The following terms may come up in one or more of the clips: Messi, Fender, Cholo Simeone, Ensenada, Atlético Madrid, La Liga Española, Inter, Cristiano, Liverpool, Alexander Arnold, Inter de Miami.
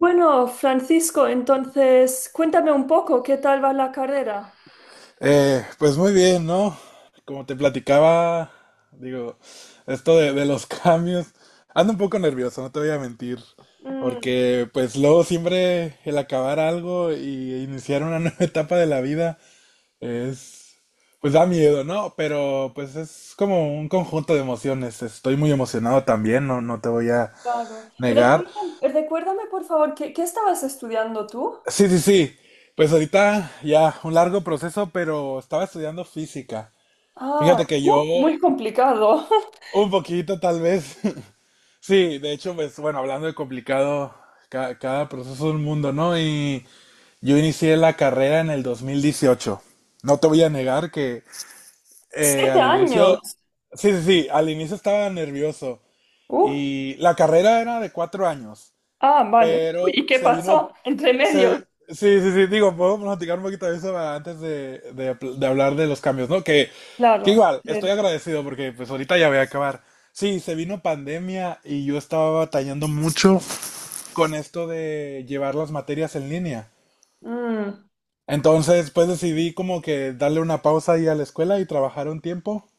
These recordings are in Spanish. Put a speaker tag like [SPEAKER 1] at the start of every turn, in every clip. [SPEAKER 1] Bueno, Francisco, entonces cuéntame un poco, ¿qué tal va la carrera?
[SPEAKER 2] Pues muy bien, ¿no? Como te platicaba, digo, esto de los cambios, ando un poco nervioso, no te voy a mentir,
[SPEAKER 1] Mm,
[SPEAKER 2] porque pues luego siempre el acabar algo y iniciar una nueva etapa de la vida es, pues da miedo, ¿no? Pero pues es como un conjunto de emociones, estoy muy emocionado también, no te voy a
[SPEAKER 1] claro.
[SPEAKER 2] negar.
[SPEAKER 1] Recuérdame, recuérdame, por favor, ¿qué estabas estudiando tú?
[SPEAKER 2] Sí, sí, sí, pues ahorita ya un largo proceso, pero estaba estudiando física.
[SPEAKER 1] Ah,
[SPEAKER 2] Fíjate que yo...
[SPEAKER 1] muy complicado.
[SPEAKER 2] Un poquito, tal vez. Sí, de hecho, pues bueno, hablando de complicado, cada proceso es un mundo, ¿no? Y yo inicié la carrera en el 2018. No te voy a negar que
[SPEAKER 1] Siete
[SPEAKER 2] al inicio,
[SPEAKER 1] años.
[SPEAKER 2] sí, sí, sí, al inicio estaba nervioso.
[SPEAKER 1] Uh,
[SPEAKER 2] Y la carrera era de cuatro años,
[SPEAKER 1] ah, vale. Uy,
[SPEAKER 2] pero
[SPEAKER 1] ¿y qué pasó entre
[SPEAKER 2] se,
[SPEAKER 1] medio?
[SPEAKER 2] sí, sí, sí, digo, podemos platicar un poquito de eso ah, antes de de hablar de los cambios, ¿no? Que
[SPEAKER 1] Claro,
[SPEAKER 2] igual,
[SPEAKER 1] a
[SPEAKER 2] estoy
[SPEAKER 1] ver.
[SPEAKER 2] agradecido porque pues ahorita ya voy a acabar. Sí, se vino pandemia y yo estaba batallando mucho con esto de llevar las materias en línea.
[SPEAKER 1] Mm.
[SPEAKER 2] Entonces, pues decidí como que darle una pausa ahí a la escuela y trabajar un tiempo.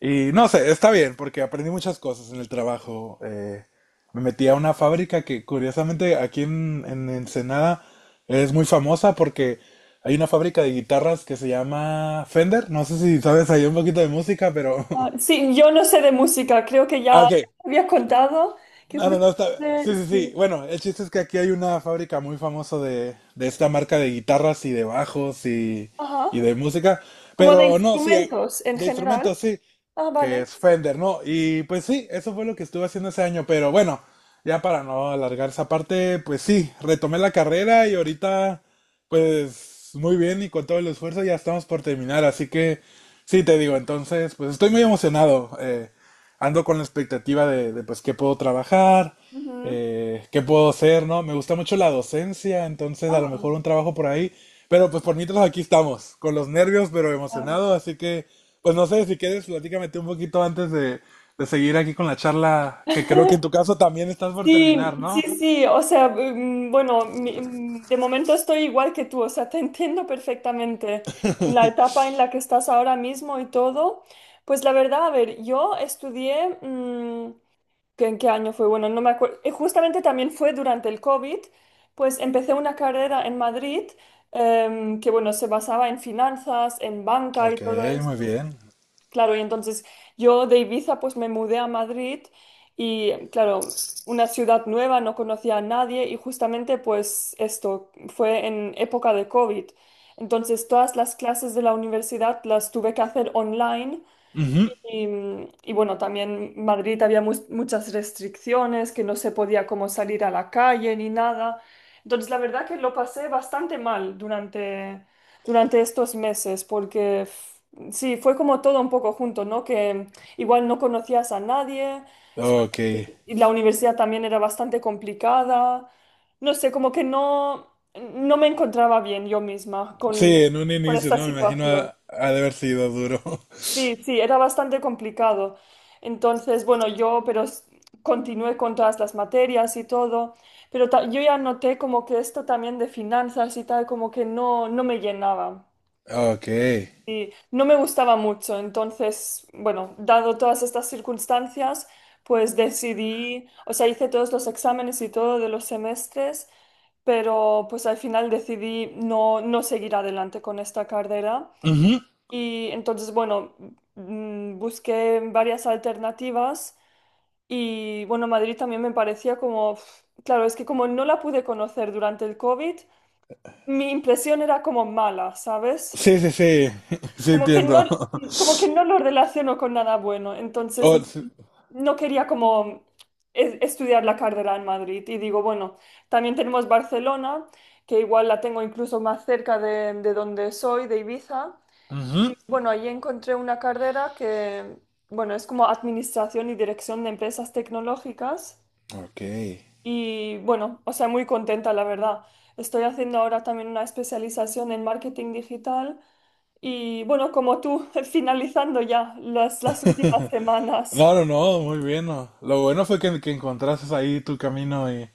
[SPEAKER 2] Y no sé, está bien, porque aprendí muchas cosas en el trabajo. Me metí a una fábrica que curiosamente aquí en Ensenada es muy famosa porque hay una fábrica de guitarras que se llama Fender. No sé si sabes ahí un poquito de música, pero...
[SPEAKER 1] Ah, sí, yo no sé de música, creo que
[SPEAKER 2] Ah,
[SPEAKER 1] ya
[SPEAKER 2] ok.
[SPEAKER 1] había contado que
[SPEAKER 2] No, no, no, está... Sí,
[SPEAKER 1] justamente,
[SPEAKER 2] sí, sí.
[SPEAKER 1] sí.
[SPEAKER 2] Bueno, el chiste es que aquí hay una fábrica muy famosa de esta marca de guitarras y de bajos
[SPEAKER 1] Ajá.
[SPEAKER 2] y de música.
[SPEAKER 1] Como de
[SPEAKER 2] Pero no, sí,
[SPEAKER 1] instrumentos en
[SPEAKER 2] de
[SPEAKER 1] general.
[SPEAKER 2] instrumentos, sí.
[SPEAKER 1] Ah,
[SPEAKER 2] Que es
[SPEAKER 1] vale.
[SPEAKER 2] Fender, ¿no? Y pues sí, eso fue lo que estuve haciendo ese año, pero bueno, ya para no alargar esa parte, pues sí, retomé la carrera y ahorita, pues muy bien y con todo el esfuerzo ya estamos por terminar, así que sí, te digo, entonces, pues estoy muy emocionado, ando con la expectativa de pues qué puedo trabajar,
[SPEAKER 1] Ujú.
[SPEAKER 2] qué puedo hacer, ¿no? Me gusta mucho la docencia, entonces a lo mejor
[SPEAKER 1] Ah,
[SPEAKER 2] un trabajo por ahí, pero pues por mientras aquí estamos, con los nervios, pero
[SPEAKER 1] claro.
[SPEAKER 2] emocionado, así que... Pues no sé, si quieres, platícame tú un poquito antes de seguir aquí con la charla, que creo que en tu caso también estás por
[SPEAKER 1] Sí,
[SPEAKER 2] terminar,
[SPEAKER 1] sí,
[SPEAKER 2] ¿no?
[SPEAKER 1] sí, o sea, bueno, de momento estoy igual que tú, o sea, te entiendo perfectamente en la etapa en la que estás ahora mismo y todo. Pues la verdad, a ver, yo estudié, ¿en qué año fue? Bueno, no me acuerdo, justamente también fue durante el COVID, pues empecé una carrera en Madrid, que bueno, se basaba en finanzas, en banca y
[SPEAKER 2] Ok,
[SPEAKER 1] todo eso.
[SPEAKER 2] muy bien.
[SPEAKER 1] Claro, y entonces yo de Ibiza pues me mudé a Madrid y claro, una ciudad nueva, no conocía a nadie y justamente pues esto fue en época de COVID. Entonces todas las clases de la universidad las tuve que hacer online
[SPEAKER 2] Ujú.
[SPEAKER 1] y, y bueno, también en Madrid había muchas restricciones, que no se podía como salir a la calle ni nada. Entonces, la verdad que lo pasé bastante mal durante, durante estos meses, porque sí, fue como todo un poco junto, ¿no? Que igual no conocías a nadie, so-
[SPEAKER 2] Ok.
[SPEAKER 1] y la universidad también era bastante complicada. No sé, como que no, no me encontraba bien yo misma
[SPEAKER 2] Sí, en un
[SPEAKER 1] con
[SPEAKER 2] inicio,
[SPEAKER 1] esta
[SPEAKER 2] ¿no? Me imagino
[SPEAKER 1] situación.
[SPEAKER 2] ha de haber sido duro.
[SPEAKER 1] Sí, sí, era bastante complicado. Entonces, bueno, yo, pero continué con todas las materias y todo, pero yo ya noté como que esto también de finanzas y tal, como que no, no me llenaba
[SPEAKER 2] Ok.
[SPEAKER 1] y no me gustaba mucho. Entonces, bueno, dado todas estas circunstancias, pues decidí, o sea, hice todos los exámenes y todo de los semestres, pero pues al final decidí no, no seguir adelante con esta carrera.
[SPEAKER 2] Ujú.
[SPEAKER 1] Y entonces, bueno, busqué varias alternativas y, bueno, Madrid también me parecía como, pf, claro, es que como no la pude conocer durante el COVID, mi impresión era como mala, ¿sabes?
[SPEAKER 2] Sí, sí, sí. Sí,
[SPEAKER 1] Como que no,
[SPEAKER 2] entiendo.
[SPEAKER 1] como que no lo relaciono con nada bueno. Entonces,
[SPEAKER 2] Oh, sí.
[SPEAKER 1] no quería como estudiar la carrera en Madrid. Y digo, bueno, también tenemos Barcelona, que igual la tengo incluso más cerca de donde soy, de Ibiza. Y
[SPEAKER 2] Ujú.
[SPEAKER 1] bueno, ahí encontré una carrera que, bueno, es como administración y dirección de empresas tecnológicas.
[SPEAKER 2] Ok.
[SPEAKER 1] Y bueno, o sea, muy contenta, la verdad. Estoy haciendo ahora también una especialización en marketing digital. Y bueno, como tú, finalizando ya las últimas semanas.
[SPEAKER 2] No, no, no, muy bien. No. Lo bueno fue que encontraste ahí tu camino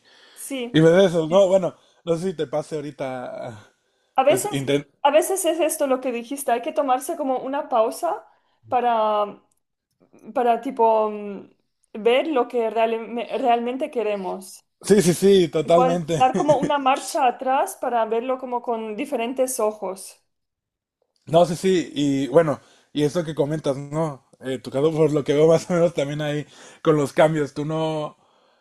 [SPEAKER 2] y
[SPEAKER 1] Sí.
[SPEAKER 2] ves eso, ¿no? Bueno, no sé si te pase ahorita,
[SPEAKER 1] A
[SPEAKER 2] pues
[SPEAKER 1] veces, a veces es esto lo que dijiste, hay que tomarse como una pausa para, para tipo, ver lo que realmente queremos.
[SPEAKER 2] sí, sí, sí,
[SPEAKER 1] Igual,
[SPEAKER 2] totalmente.
[SPEAKER 1] dar como una marcha atrás para verlo como con diferentes ojos.
[SPEAKER 2] No, sí, sí, y bueno, y eso que comentas, ¿no? Tu caso, por lo que veo más o menos también ahí con los cambios, tú no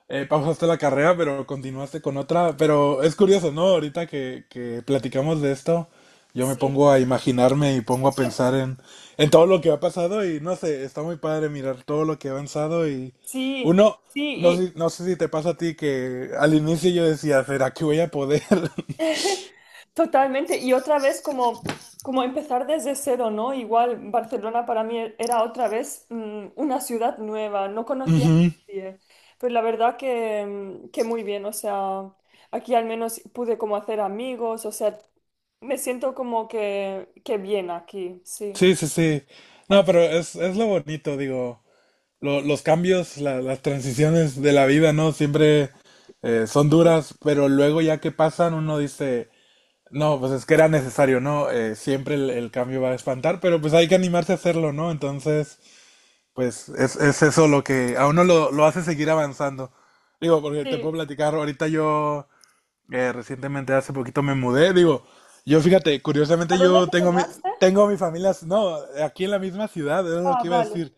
[SPEAKER 2] pausaste la carrera, pero continuaste con otra, pero es curioso, ¿no? Ahorita que platicamos de esto, yo me
[SPEAKER 1] Sí,
[SPEAKER 2] pongo a imaginarme y pongo a pensar en todo lo que ha pasado y no sé, está muy padre mirar todo lo que ha avanzado y
[SPEAKER 1] sí,
[SPEAKER 2] uno, no
[SPEAKER 1] sí,
[SPEAKER 2] sé, no sé si te pasa a ti que al inicio yo decía, ¿será que voy a poder?
[SPEAKER 1] y totalmente. Y otra vez como, como empezar desde cero, ¿no? Igual Barcelona para mí era otra vez una ciudad nueva, no conocía a
[SPEAKER 2] Ujú.
[SPEAKER 1] nadie. Pero la verdad que, que muy bien, o sea, aquí al menos pude como hacer amigos, o sea, me siento como que bien aquí, sí.
[SPEAKER 2] Sí, sí, sí. No, pero es lo bonito, digo, los cambios, las transiciones de la vida, ¿no? Siempre son
[SPEAKER 1] Sí,
[SPEAKER 2] duras, pero luego ya que pasan uno dice, no, pues es que era necesario, ¿no? Siempre el cambio va a espantar, pero pues hay que animarse a hacerlo, ¿no? Entonces, pues es eso lo que a uno lo hace seguir avanzando. Digo, porque te puedo
[SPEAKER 1] sí.
[SPEAKER 2] platicar, ahorita yo... recientemente, hace poquito me mudé, digo, yo fíjate,
[SPEAKER 1] ¿A
[SPEAKER 2] curiosamente
[SPEAKER 1] dónde te mudaste?
[SPEAKER 2] tengo mi familia, no, aquí en la misma ciudad, era lo
[SPEAKER 1] Ah,
[SPEAKER 2] que iba a
[SPEAKER 1] vale.
[SPEAKER 2] decir,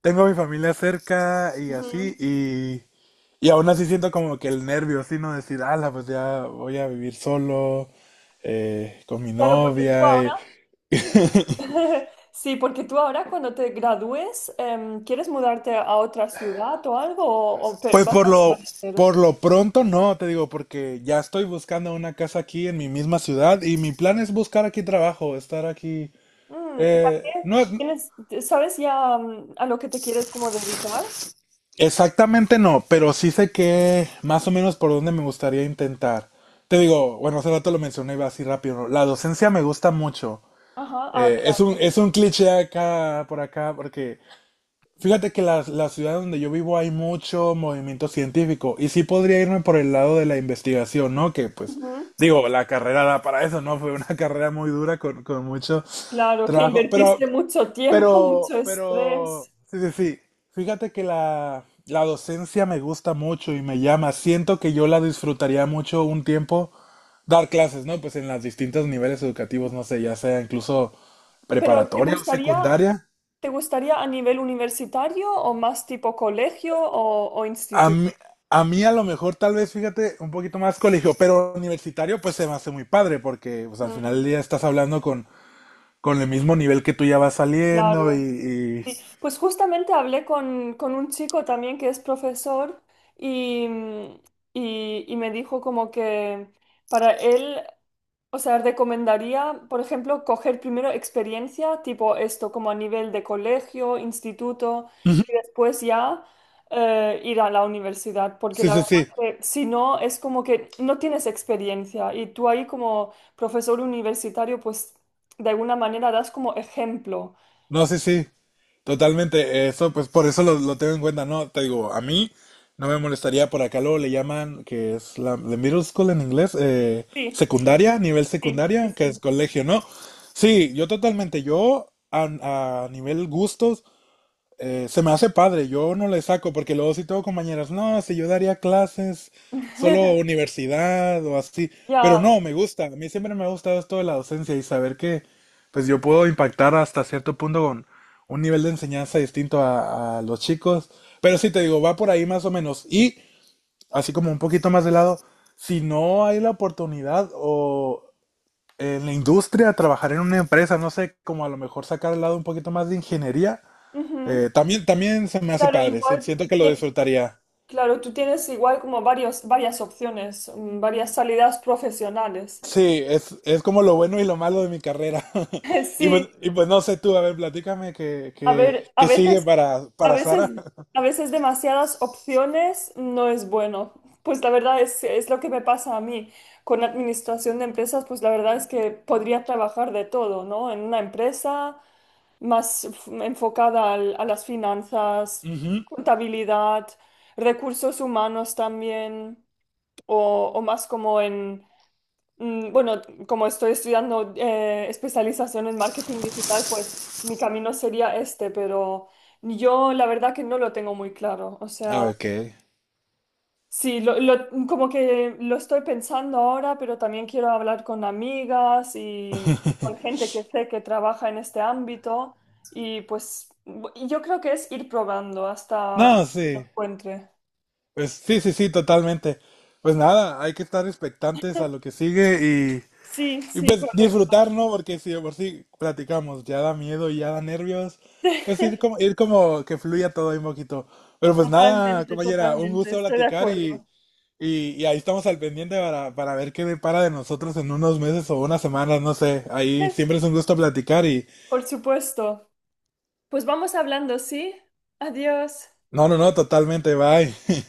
[SPEAKER 2] tengo mi familia cerca y así,
[SPEAKER 1] Ujú.
[SPEAKER 2] y aún así siento como que el nervio, así, ¿no? Decir, ala, pues ya voy a vivir solo, con mi
[SPEAKER 1] Claro, porque tú
[SPEAKER 2] novia, y-
[SPEAKER 1] ahora, sí, porque tú ahora cuando te gradúes, ¿quieres mudarte a otra ciudad o algo? O
[SPEAKER 2] pues
[SPEAKER 1] vas a permanecer?
[SPEAKER 2] por lo pronto no, te digo, porque ya estoy buscando una casa aquí en mi misma ciudad y mi plan es buscar aquí trabajo, estar aquí.
[SPEAKER 1] Mm, ¿y
[SPEAKER 2] Eh,
[SPEAKER 1] también
[SPEAKER 2] no,
[SPEAKER 1] tienes, sabes ya a lo que te quieres como dedicar?
[SPEAKER 2] Exactamente no, pero sí sé que más o menos por dónde me gustaría intentar. Te digo, bueno, hace rato lo mencioné y así rápido, ¿no? La docencia me gusta mucho.
[SPEAKER 1] Ajá, ah,
[SPEAKER 2] Es un cliché acá, por acá, porque fíjate que la ciudad donde yo vivo hay mucho movimiento científico y sí podría irme por el lado de la investigación, ¿no? Que pues,
[SPEAKER 1] claro. Ujú.
[SPEAKER 2] digo, la carrera da para eso, ¿no? Fue una carrera muy dura con mucho
[SPEAKER 1] Claro, que
[SPEAKER 2] trabajo, pero
[SPEAKER 1] invertiste mucho tiempo, mucho estrés.
[SPEAKER 2] sí, sí, sí. Fíjate que la docencia me gusta mucho y me llama. Siento que yo la disfrutaría mucho un tiempo dar clases, ¿no? Pues en los distintos niveles educativos, no sé, ya sea incluso
[SPEAKER 1] Pero
[SPEAKER 2] preparatoria o secundaria.
[SPEAKER 1] te gustaría a nivel universitario o más tipo colegio o
[SPEAKER 2] A
[SPEAKER 1] instituto?
[SPEAKER 2] mí, a mí a lo mejor tal vez, fíjate, un poquito más colegio, pero universitario pues se me hace muy padre porque pues al final
[SPEAKER 1] Mm,
[SPEAKER 2] del día estás hablando con el mismo nivel que tú ya vas saliendo
[SPEAKER 1] claro. Sí,
[SPEAKER 2] y-
[SPEAKER 1] pues justamente hablé con un chico también que es profesor y, y me dijo como que para él, o sea, recomendaría, por ejemplo, coger primero experiencia, tipo esto, como a nivel de colegio, instituto,
[SPEAKER 2] Ujú.
[SPEAKER 1] y después ya ir a la universidad, porque
[SPEAKER 2] Sí,
[SPEAKER 1] la
[SPEAKER 2] sí,
[SPEAKER 1] verdad
[SPEAKER 2] sí.
[SPEAKER 1] que si no, es como que no tienes experiencia y tú ahí como profesor universitario, pues de alguna manera das como ejemplo.
[SPEAKER 2] No, sí, sí, totalmente. Eso, pues por eso lo tengo en cuenta, ¿no? Te digo, a mí no me molestaría por acá, luego le llaman, que es la middle school en inglés,
[SPEAKER 1] Sí,
[SPEAKER 2] secundaria, nivel
[SPEAKER 1] sí, sí,
[SPEAKER 2] secundaria, que es
[SPEAKER 1] sí.
[SPEAKER 2] colegio, ¿no? Sí, yo totalmente, yo a nivel gustos, se me hace padre, yo no le saco porque luego si tengo compañeras, no, si yo daría clases solo universidad o así, pero
[SPEAKER 1] Ya,
[SPEAKER 2] no, me gusta, a mí siempre me ha gustado esto de la docencia y saber que pues yo puedo impactar hasta cierto punto con un nivel de enseñanza distinto a los chicos, pero sí te digo, va por ahí más o menos y así como un poquito más de lado, si no hay la oportunidad o en la industria, trabajar en una empresa, no sé, como a lo mejor sacar al lado un poquito más de ingeniería.
[SPEAKER 1] ujú.
[SPEAKER 2] También se me hace
[SPEAKER 1] Claro,
[SPEAKER 2] padre, sí,
[SPEAKER 1] igual,
[SPEAKER 2] siento que lo
[SPEAKER 1] que-
[SPEAKER 2] disfrutaría.
[SPEAKER 1] claro, tú tienes igual como varios, varias opciones, varias salidas profesionales.
[SPEAKER 2] Sí, es como lo bueno y lo malo de mi carrera.
[SPEAKER 1] Sí,
[SPEAKER 2] Y pues no sé tú, a ver, platícame qué,
[SPEAKER 1] a
[SPEAKER 2] qué,
[SPEAKER 1] ver, a
[SPEAKER 2] qué sigue
[SPEAKER 1] veces, a
[SPEAKER 2] para
[SPEAKER 1] veces,
[SPEAKER 2] Sara.
[SPEAKER 1] a veces demasiadas opciones no es bueno. Pues la verdad es lo que me pasa a mí con administración de empresas, pues la verdad es que podría trabajar de todo, ¿no? En una empresa, más enfocada a las finanzas,
[SPEAKER 2] Ujú.
[SPEAKER 1] contabilidad, recursos humanos también, o más como en, bueno, como estoy estudiando especialización en marketing digital, pues mi camino sería este, pero yo la verdad que no lo tengo muy claro, o
[SPEAKER 2] Ah,
[SPEAKER 1] sea...
[SPEAKER 2] ok.
[SPEAKER 1] Sí, lo, como que lo estoy pensando ahora, pero también quiero hablar con amigas y con gente que sé que trabaja en este ámbito y pues y yo creo que es ir probando
[SPEAKER 2] No,
[SPEAKER 1] hasta que
[SPEAKER 2] sí.
[SPEAKER 1] lo encuentre.
[SPEAKER 2] Pues sí, sí, sí, totalmente. Pues nada, hay que estar expectantes a lo que sigue.
[SPEAKER 1] Sí,
[SPEAKER 2] Y
[SPEAKER 1] sí,
[SPEAKER 2] pues
[SPEAKER 1] correcto.
[SPEAKER 2] disfrutar, ¿no? Porque si de por sí platicamos, ya da miedo y ya da nervios. Pues ir como que fluya todo ahí un poquito. Pero pues nada,
[SPEAKER 1] Totalmente,
[SPEAKER 2] compañera, un
[SPEAKER 1] totalmente,
[SPEAKER 2] gusto
[SPEAKER 1] estoy de
[SPEAKER 2] platicar
[SPEAKER 1] acuerdo.
[SPEAKER 2] y ahí estamos al pendiente para ver qué depara de nosotros en unos meses o unas semanas, no sé. Ahí siempre es un gusto platicar y...
[SPEAKER 1] Por supuesto. Pues vamos hablando, ¿sí? Adiós.
[SPEAKER 2] No, no, no, totalmente, bye.